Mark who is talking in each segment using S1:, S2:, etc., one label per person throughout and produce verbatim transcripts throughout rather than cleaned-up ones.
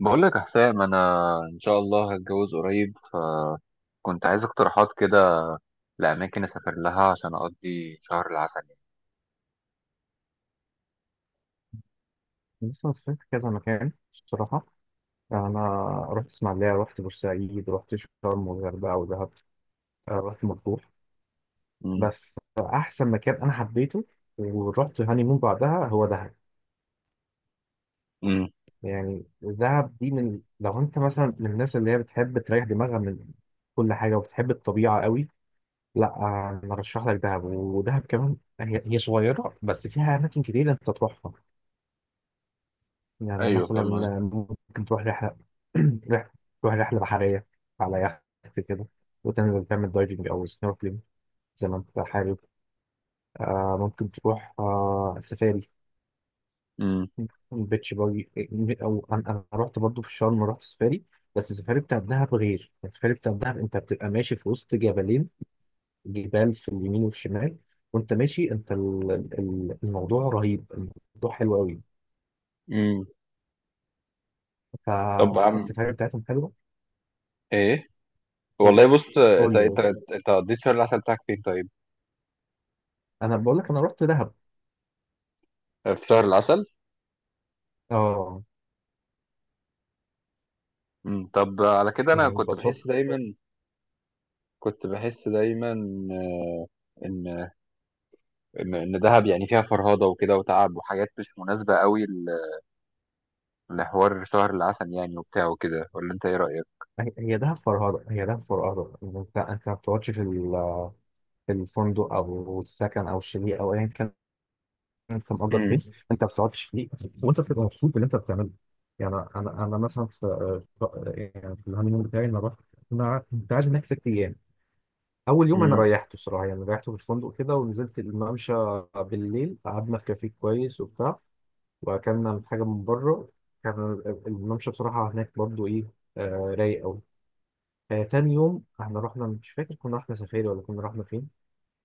S1: بقول لك يا حسام، انا ان شاء الله هتجوز قريب، فكنت عايز اقتراحات كده لاماكن اسافر لها عشان اقضي شهر العسل يعني.
S2: بص، أنا سافرت كذا مكان الصراحة. أنا رحت إسماعيلية، رحت بورسعيد، رحت شرم والغردقة ودهب. آه، رحت مطروح.
S1: امم.
S2: بس أحسن مكان أنا حبيته ورحت هانيمون بعدها هو دهب.
S1: امم.
S2: يعني دهب دي، من لو أنت مثلا من الناس اللي هي بتحب تريح دماغها من كل حاجة وبتحب الطبيعة قوي، لا آه، أنا أرشح لك دهب. ودهب كمان هي هي صغيرة بس فيها أماكن كتير أنت تروحها. يعني
S1: ايوه،
S2: مثلا
S1: فاهم قصدك.
S2: ممكن تروح رحلة رحلة تروح رحلة بحرية على يخت كده، وتنزل تعمل دايفنج أو سنوركلينج زي ما أنت حابب. آه ممكن تروح آه سفاري
S1: امم.
S2: بيتش باجي. أو أنا أنا رحت برضه في شرم، رحت سفاري، بس السفاري بتاع الدهب غير. السفاري بتاع الدهب أنت بتبقى ماشي في وسط جبلين، جبال في اليمين والشمال، وأنت ماشي أنت ال- ال- الموضوع رهيب، الموضوع حلو أوي.
S1: امم. طب عم
S2: فالسفاري بتاعتهم حلوة.
S1: ايه،
S2: إيه،
S1: والله بص،
S2: قول
S1: انت انت
S2: لي.
S1: انت قضيت شهر العسل بتاعك فين طيب؟
S2: انا بقول لك انا رحت دهب.
S1: آه، في شهر العسل.
S2: اه.
S1: امم. طب على كده انا
S2: يعني
S1: كنت
S2: ببساطه
S1: بحس دايما كنت بحس دايما آه، ان ان إن دهب يعني فيها فرهضه وكده وتعب وحاجات مش مناسبه قوي لحوار شهر العسل يعني وبتاع وكده، ولا انت ايه رأيك؟
S2: هي هي دهب فرهده. هي دهب فرهده إن انت انت ما بتقعدش في ال- في الفندق او السكن او الشاليه او ايا كان انت مأجر
S1: مم.
S2: فين. انت ما بتقعدش فيه، وانت بتبقى مبسوط باللي انت بتعمله. يعني انا انا مثلا في في- يعني في الهانيمون بتاعي انا رحت. انا كنت قاعد هناك ست ايام. اول يوم انا
S1: مم.
S2: ريحته الصراحه، يعني ريحته في الفندق كده ونزلت الممشى بالليل، قعدنا في كافيه كويس وبتاع، واكلنا حاجه من بره. كان الممشى بصراحه هناك برضو ايه، آه، رايق قوي. آه، تاني يوم احنا رحنا، مش فاكر كنا رحنا سفاري ولا كنا رحنا فين.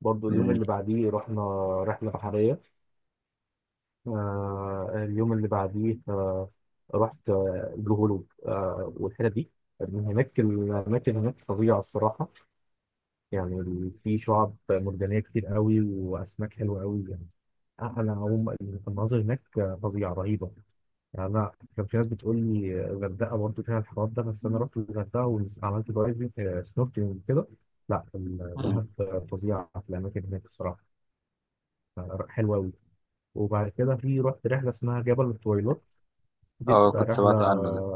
S2: برضو اليوم
S1: مم.
S2: اللي بعديه رحنا رحله بحريه. آه اليوم اللي بعديه آه رحت آه، البلو هول آه والحتت دي. من هناك، الاماكن هناك فظيعه الصراحه. يعني ال- في شعاب مرجانيه كتير قوي، واسماك حلوه قوي يعني. انا هم المناظر هناك فظيعه رهيبه. يعني انا كان في ناس بتقول لي الغردقه برضه فيها الحوار ده، بس انا رحت الغردقه وعملت دايفنج سنوركلينج وكده. لا،
S1: مم.
S2: الدهب فظيعه في الاماكن هناك الصراحه، آه، حلوه قوي. وبعد كده في رحت رحله اسمها جبل الطويلات. دي
S1: اه،
S2: بتبقى
S1: كنت
S2: رحله.
S1: سمعت عنه ده.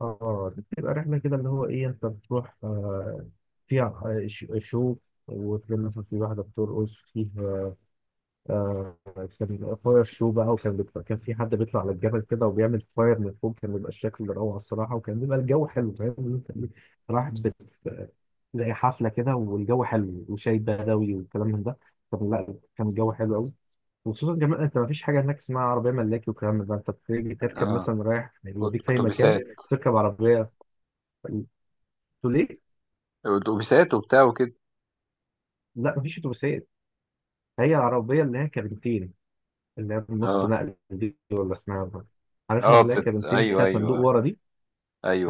S2: اه دي بتبقى رحله كده اللي هو ايه، انت بتروح آه، فيها آه، ش- شو، وتلاقي مثلا في واحده بترقص فيه. آه، كان فاير شو بقى، وكان بيطلع، كان في حد بيطلع على الجبل كده وبيعمل فاير من فوق. كان بيبقى الشكل روعة الصراحة، وكان بيبقى الجو حلو. فاهم إن إنت إيه، رايح بت... زي حفلة كده، والجو حلو وشاي بدوي والكلام من ده. كان لا كان الجو حلو قوي. وخصوصا كمان انت مفيش حاجة هناك اسمها عربية ملاكي والكلام من ده. انت بتيجي تركب
S1: اه.
S2: مثلا رايح يوديك في اي مكان،
S1: اتوبيسات.
S2: تركب عربية. تقول ليه؟
S1: اتوبيسات وبتاع وكده.
S2: لا، مفيش اتوبيسات. هي العربية اللي هي كابنتين، اللي هي النص
S1: اه.
S2: نقل دي، ولا اسمها إيه؟ عارف ان
S1: اه.
S2: اللي هي
S1: بتت...
S2: كابنتين
S1: ايوه
S2: فيها صندوق
S1: ايوه.
S2: ورا دي.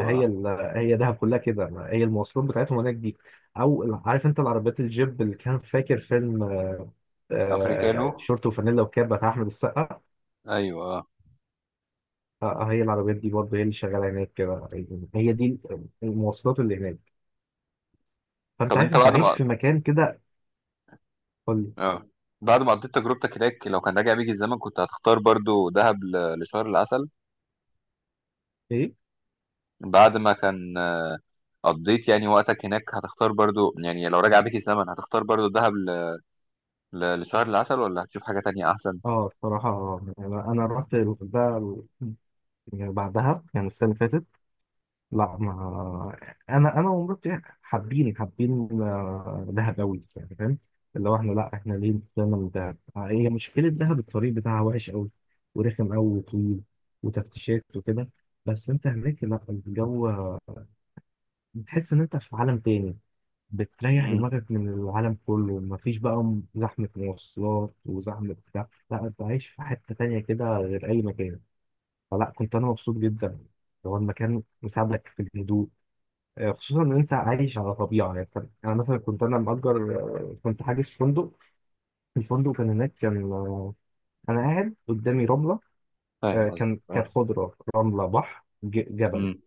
S2: هي ال... هي دهب كلها كده، هي المواصلات بتاعتهم هناك دي. او ال- عارف انت العربيات الجيب، اللي كان فاكر فيلم آه،
S1: افريكانو.
S2: شورت وفانيلا وكاب بتاع احمد السقا.
S1: ايوه اه.
S2: آه، آه، هي العربيات دي برضه هي اللي شغاله هناك كده. هي دي المواصلات اللي هناك. فانت
S1: طب
S2: عارف
S1: انت
S2: انت
S1: بعد
S2: عايش
S1: ما...
S2: في مكان كده. قول لي.
S1: اه، بعد ما قضيت تجربتك هناك، لو كان راجع بيك الزمن، كنت هتختار برضو دهب ل... لشهر العسل.
S2: ايه،
S1: بعد ما كان قضيت يعني وقتك هناك هتختار برضو يعني لو راجع بيك الزمن، هتختار برضو دهب ل... ل... لشهر العسل، ولا هتشوف حاجة تانية احسن؟
S2: اه الصراحه، آه، يعني انا رحت ده، يعني بعدها، يعني السنه اللي فاتت. لا ما انا انا ومراتي حابين حابين آه، دهب قوي يعني، فاهم. اللي هو احنا، لا احنا ليه طلعنا من دهب، آه، هي مشكله دهب الطريق بتاعها وحش قوي، ورخم قوي وطويل، وتفتيشات وكده. بس انت هناك لا، الجو، بتحس ان انت في عالم تاني، بتريح
S1: امم.
S2: دماغك من العالم كله. مفيش بقى زحمه مواصلات وزحمه بتاع، لا انت عايش في حته تانيه كده غير اي مكان. فلا، كنت انا مبسوط جدا. هو المكان مساعدك في الهدوء، آه، خصوصا ان انت عايش على طبيعه. يعني أنت- انا مثلا كنت انا مأجر، آه، كنت حاجز فندق. الفندق كان هناك كان آه، انا قاعد قدامي رمله.
S1: فاهم
S2: آه،
S1: قصدك
S2: كان كانت
S1: اه.
S2: خضره، رمله، بحر، ج- جبل.
S1: امم.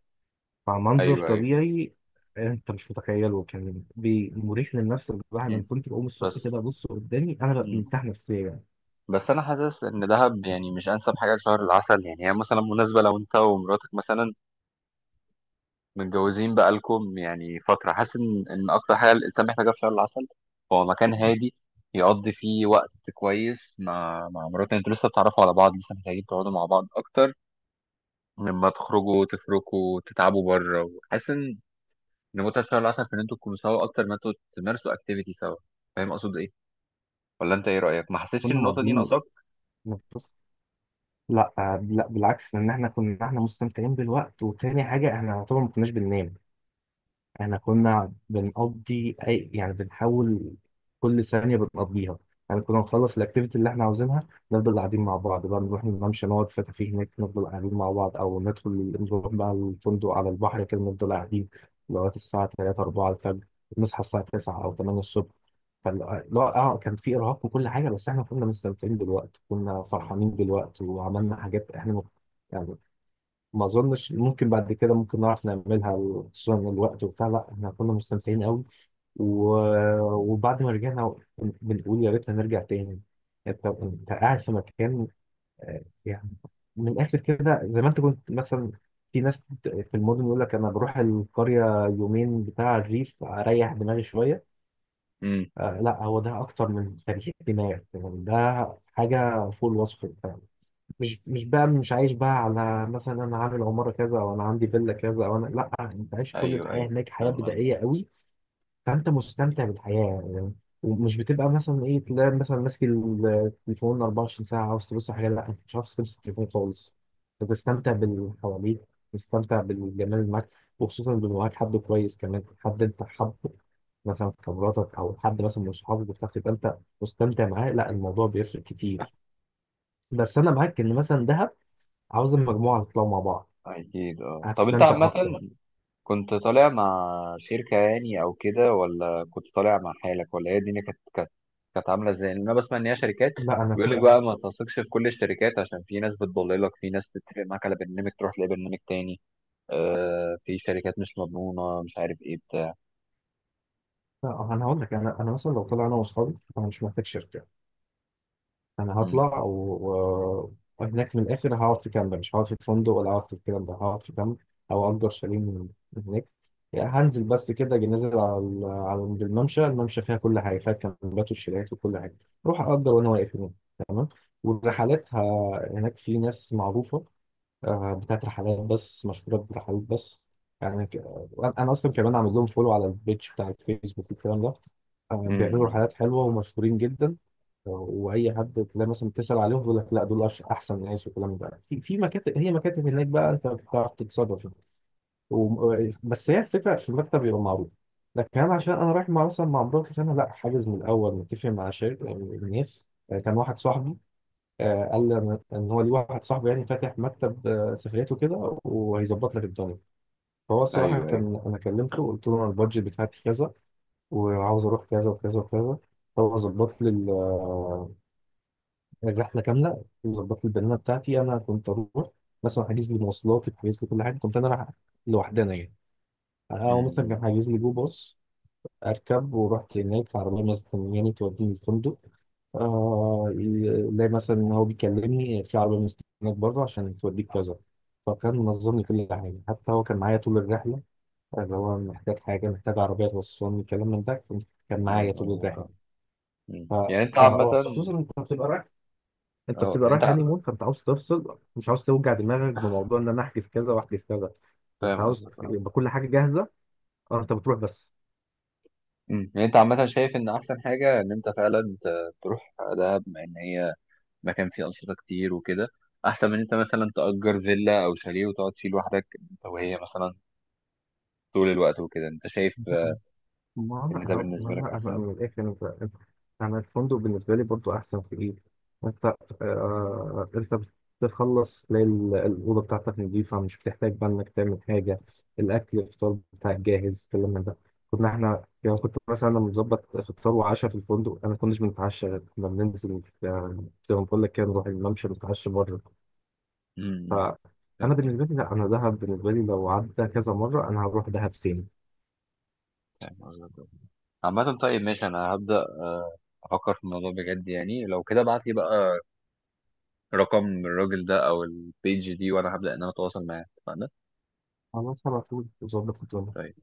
S2: فمنظر
S1: ايوه ايوه.
S2: طبيعي. انت مش متخيله، كان بي- مريح للنفس. الواحد انا
S1: امم.
S2: كنت بقوم
S1: بس.
S2: الصبح كده ابص قدامي، انا ببقى
S1: امم.
S2: مرتاح نفسيا يعني.
S1: بس انا حاسس ان دهب يعني مش انسب حاجه لشهر العسل يعني. هي مثلا مناسبه لو انت ومراتك مثلا متجوزين بقالكم يعني فتره. حاسس ان ان اكتر حاجه الانسان محتاجها في شهر العسل هو مكان هادي يقضي فيه وقت كويس مع مع مراتك. انتوا لسه بتتعرفوا على بعض، لسه محتاجين تقعدوا مع بعض اكتر، لما تخرجوا تفركوا تتعبوا بره. وحاسس ان إن متعه شهر العسل في ان انتوا تكونوا سوا اكتر ما انتوا تمارسوا اكتيفيتي سوا. فاهم اقصد ايه؟ ولا انت ايه رأيك؟ ما حسيتش ان
S2: كنا
S1: النقطة دي
S2: مقضيين
S1: ناقصاك؟
S2: نفس لا آه، لا بالعكس، لان احنا كنا احنا مستمتعين بالوقت. وتاني حاجه، احنا طبعا ما كناش بننام. احنا كنا بنقضي اي، يعني بنحاول كل ثانية بنقضيها. يعني كنا نخلص الاكتيفيتي اللي احنا عاوزينها، نفضل قاعدين مع بعض بقى، نروح نمشي، نقعد في كافيه هناك نفضل قاعدين مع بعض، او ندخل نروح بقى الفندق على البحر كده نفضل قاعدين لغاية الساعة تلاتة اربعة الفجر، نصحى الساعة تسعة او التمانية الصبح. فاللي هو اه كان في ارهاق وكل حاجة، بس احنا كنا مستمتعين بالوقت، كنا فرحانين بالوقت، وعملنا حاجات احنا ما اظنش ممكن بعد كده ممكن نعرف نعملها. خصوصا الوقت وبتاع، لا احنا كنا مستمتعين قوي. و... وبعد ما رجعنا بنقول يا ريت هنرجع تاني. انت انت قاعد في مكان، آه، يعني من الاخر كده. زي ما انت كنت مثلا، في ناس في المدن يقول لك انا بروح القريه يومين بتاع الريف، اريح دماغي شويه.
S1: امم.
S2: آه لا، هو ده اكتر من تريح دماغ يعني. ده حاجه فوق الوصف. مش مش بقى مش عايش بقى على مثلا انا عامل عماره كذا، او انا عندي فيلا كذا، او انا لا، انت عايش كل
S1: ايوه
S2: الحياه
S1: ايوه.
S2: هناك حياه
S1: فاهم قصدك.
S2: بدائيه قوي. فانت مستمتع بالحياه يعني. ومش بتبقى مثلا ايه، تلاقي مثلا ماسك التليفون اربعة وعشرين ساعه عاوز تبص على حاجه. لا انت مش عاوز تمسك التليفون خالص. أنت بتستمتع باللي حواليك، بتستمتع بالجمال اللي معاك. وخصوصا لو معاك حد كويس كمان، حد انت حابه، مثلا في خبراتك، او حد مثلا من صحابك بتاعك تبقى انت مستمتع معاه، لا الموضوع بيفرق كتير. بس انا معاك ان مثلا دهب، عاوز المجموعة تطلعوا مع بعض،
S1: اكيد اه. طب انت
S2: هتستمتع
S1: عامة
S2: أكتر.
S1: كنت طالع مع شركة يعني او كده، ولا كنت طالع مع حالك، ولا هي الدنيا كانت كانت كانت عاملة ازاي؟ لان انا بسمع ان هي شركات
S2: لا أنا
S1: بيقول لك
S2: كنت
S1: بقى ما تثقش في كل الشركات، عشان في ناس بتضللك، في ناس بتتفق معاك على برنامج تروح تلاقي برنامج تاني. آه، في شركات مش مضمونة، مش عارف ايه بتاع.
S2: لا، أنا هقول لك، أنا أنا مثلا لو طلع أنا وأصحابي أنا مش محتاج شركة. أنا
S1: امم.
S2: هطلع و... وهناك من الآخر هقعد في كامب، مش هقعد في فندق ولا هقعد في الكلام ده، هقعد في كامب. أو أجر شاليه من من هناك. يعني هنزل بس كده، أجي نازل على ال- على عند الممشى. الممشى فيها كل حاجة، فيها الكامبات والشاليهات وكل حاجة. أروح أجر وأنا واقف هناك، تمام. والرحلات ه... هناك في ناس معروفة، آه، بتاعت رحلات بس، مشهورة برحلات بس. يعني ك... وأنا- أنا أصلا كمان عامل لهم فولو على البيج بتاع الفيسبوك والكلام ده. آه، بيعملوا
S1: امم.
S2: رحلات حلوة ومشهورين جدا. آه، وأي حد تلاقي مثلا تسأل عليهم يقول لك لا، دول أش- أحسن ناس والكلام ده. في في مكاتب، هي مكاتب هناك بقى، أنت بتعرف تتصرف. و... بس هي الفكرة في المكتب يبقى معروف. لكن أنا عشان أنا رايح مع مثلا مع مراتي، فأنا لا حاجز من الأول متفق مع شركة من الناس. آه، كان واحد صاحبي، آه، قال لي ان إن هو ليه واحد صاحبه يعني فاتح مكتب آه، سفريات وكده، وهيظبط لك الدنيا. فهو الصراحه،
S1: ايوه ايوه.
S2: كان انا كلمته وقلت له انا البادجت بتاعتي كذا، وعاوز اروح كذا وكذا وكذا. هو ظبط لي ال- آه، الرحله كامله، وظبط لي البنانه بتاعتي. انا كنت اروح، مثلا حاجز لي مواصلاتي، حاجز لي كل حاجه. كنت انا رايح لوحدنا يعني. هو
S1: امم.
S2: مثلا كان
S1: أمم.
S2: حاجز لي جو باص اركب، ورحت هناك عربيه مستنياني توديني الفندق. آه، لا مثلا إن هو بيكلمني في عربيه مستنياك بره عشان توديك كذا. فكان منظم لي كل حاجه. حتى هو كان معايا طول الرحله، اللي هو محتاج حاجه، محتاج عربيه توصلني، الكلام من ده، كان معايا
S1: فاهم
S2: طول
S1: قصدك
S2: الرحله.
S1: اه. مم.
S2: ف...
S1: يعني انت عامة
S2: فخصوصا انت بتبقى رايح، انت
S1: اه.
S2: بتبقى
S1: انت
S2: رايح هاني مون، فانت عاوز تفصل، مش عاوز توجع دماغك بموضوع ان انا احجز كذا واحجز كذا. انت
S1: فاهم
S2: عاوز
S1: قصدك اه.
S2: يبقى كل حاجه جاهزه، اه انت بتروح بس.
S1: أمم. يعني انت عامة شايف ان احسن حاجة ان انت فعلا ت- تروح دهب بما ان هي مكان فيه انشطة كتير وكده، احسن من إن انت مثلا تأجر فيلا او شاليه وتقعد فيه لوحدك انت وهي مثلا طول الوقت وكده؟ انت شايف آه،
S2: ما انا
S1: ان ده
S2: أهو- ما
S1: بالنسبة لك
S2: انا أنا
S1: احسن؟
S2: من الاخر، انت، انا الفندق بالنسبه لي برضو احسن في ايه، انت آه، انت بتخلص تلاقي ال- الاوضه بتاعتك نظيفه، مش بتحتاج بقى انك تعمل حاجه. الاكل، الفطار بتاعك جاهز، الكلام من ده. كنا احنا، يعني كنت مثلا انا مظبط فطار وعشاء في الفندق، انا ما كناش بنتعشى، غير كنا بننزل آه، زي ما بقول لك كده، نروح الممشى نتعشى بره.
S1: أمم. فاهم
S2: فانا بالنسبه
S1: قصدك.
S2: لي، لا انا دهب بالنسبه لي لو عدى كذا مره انا هروح دهب تاني.
S1: فاهم قصدك اه. عامة طيب ماشي. انا هبدأ آه، افكر في الموضوع بجد يعني. لو كده ابعت لي بقى رقم الراجل ده او البيج دي، وانا هبدأ ان انا اتواصل معاه. اتفقنا؟
S2: خلاص، على طول ظبط الدنيا.
S1: طيب.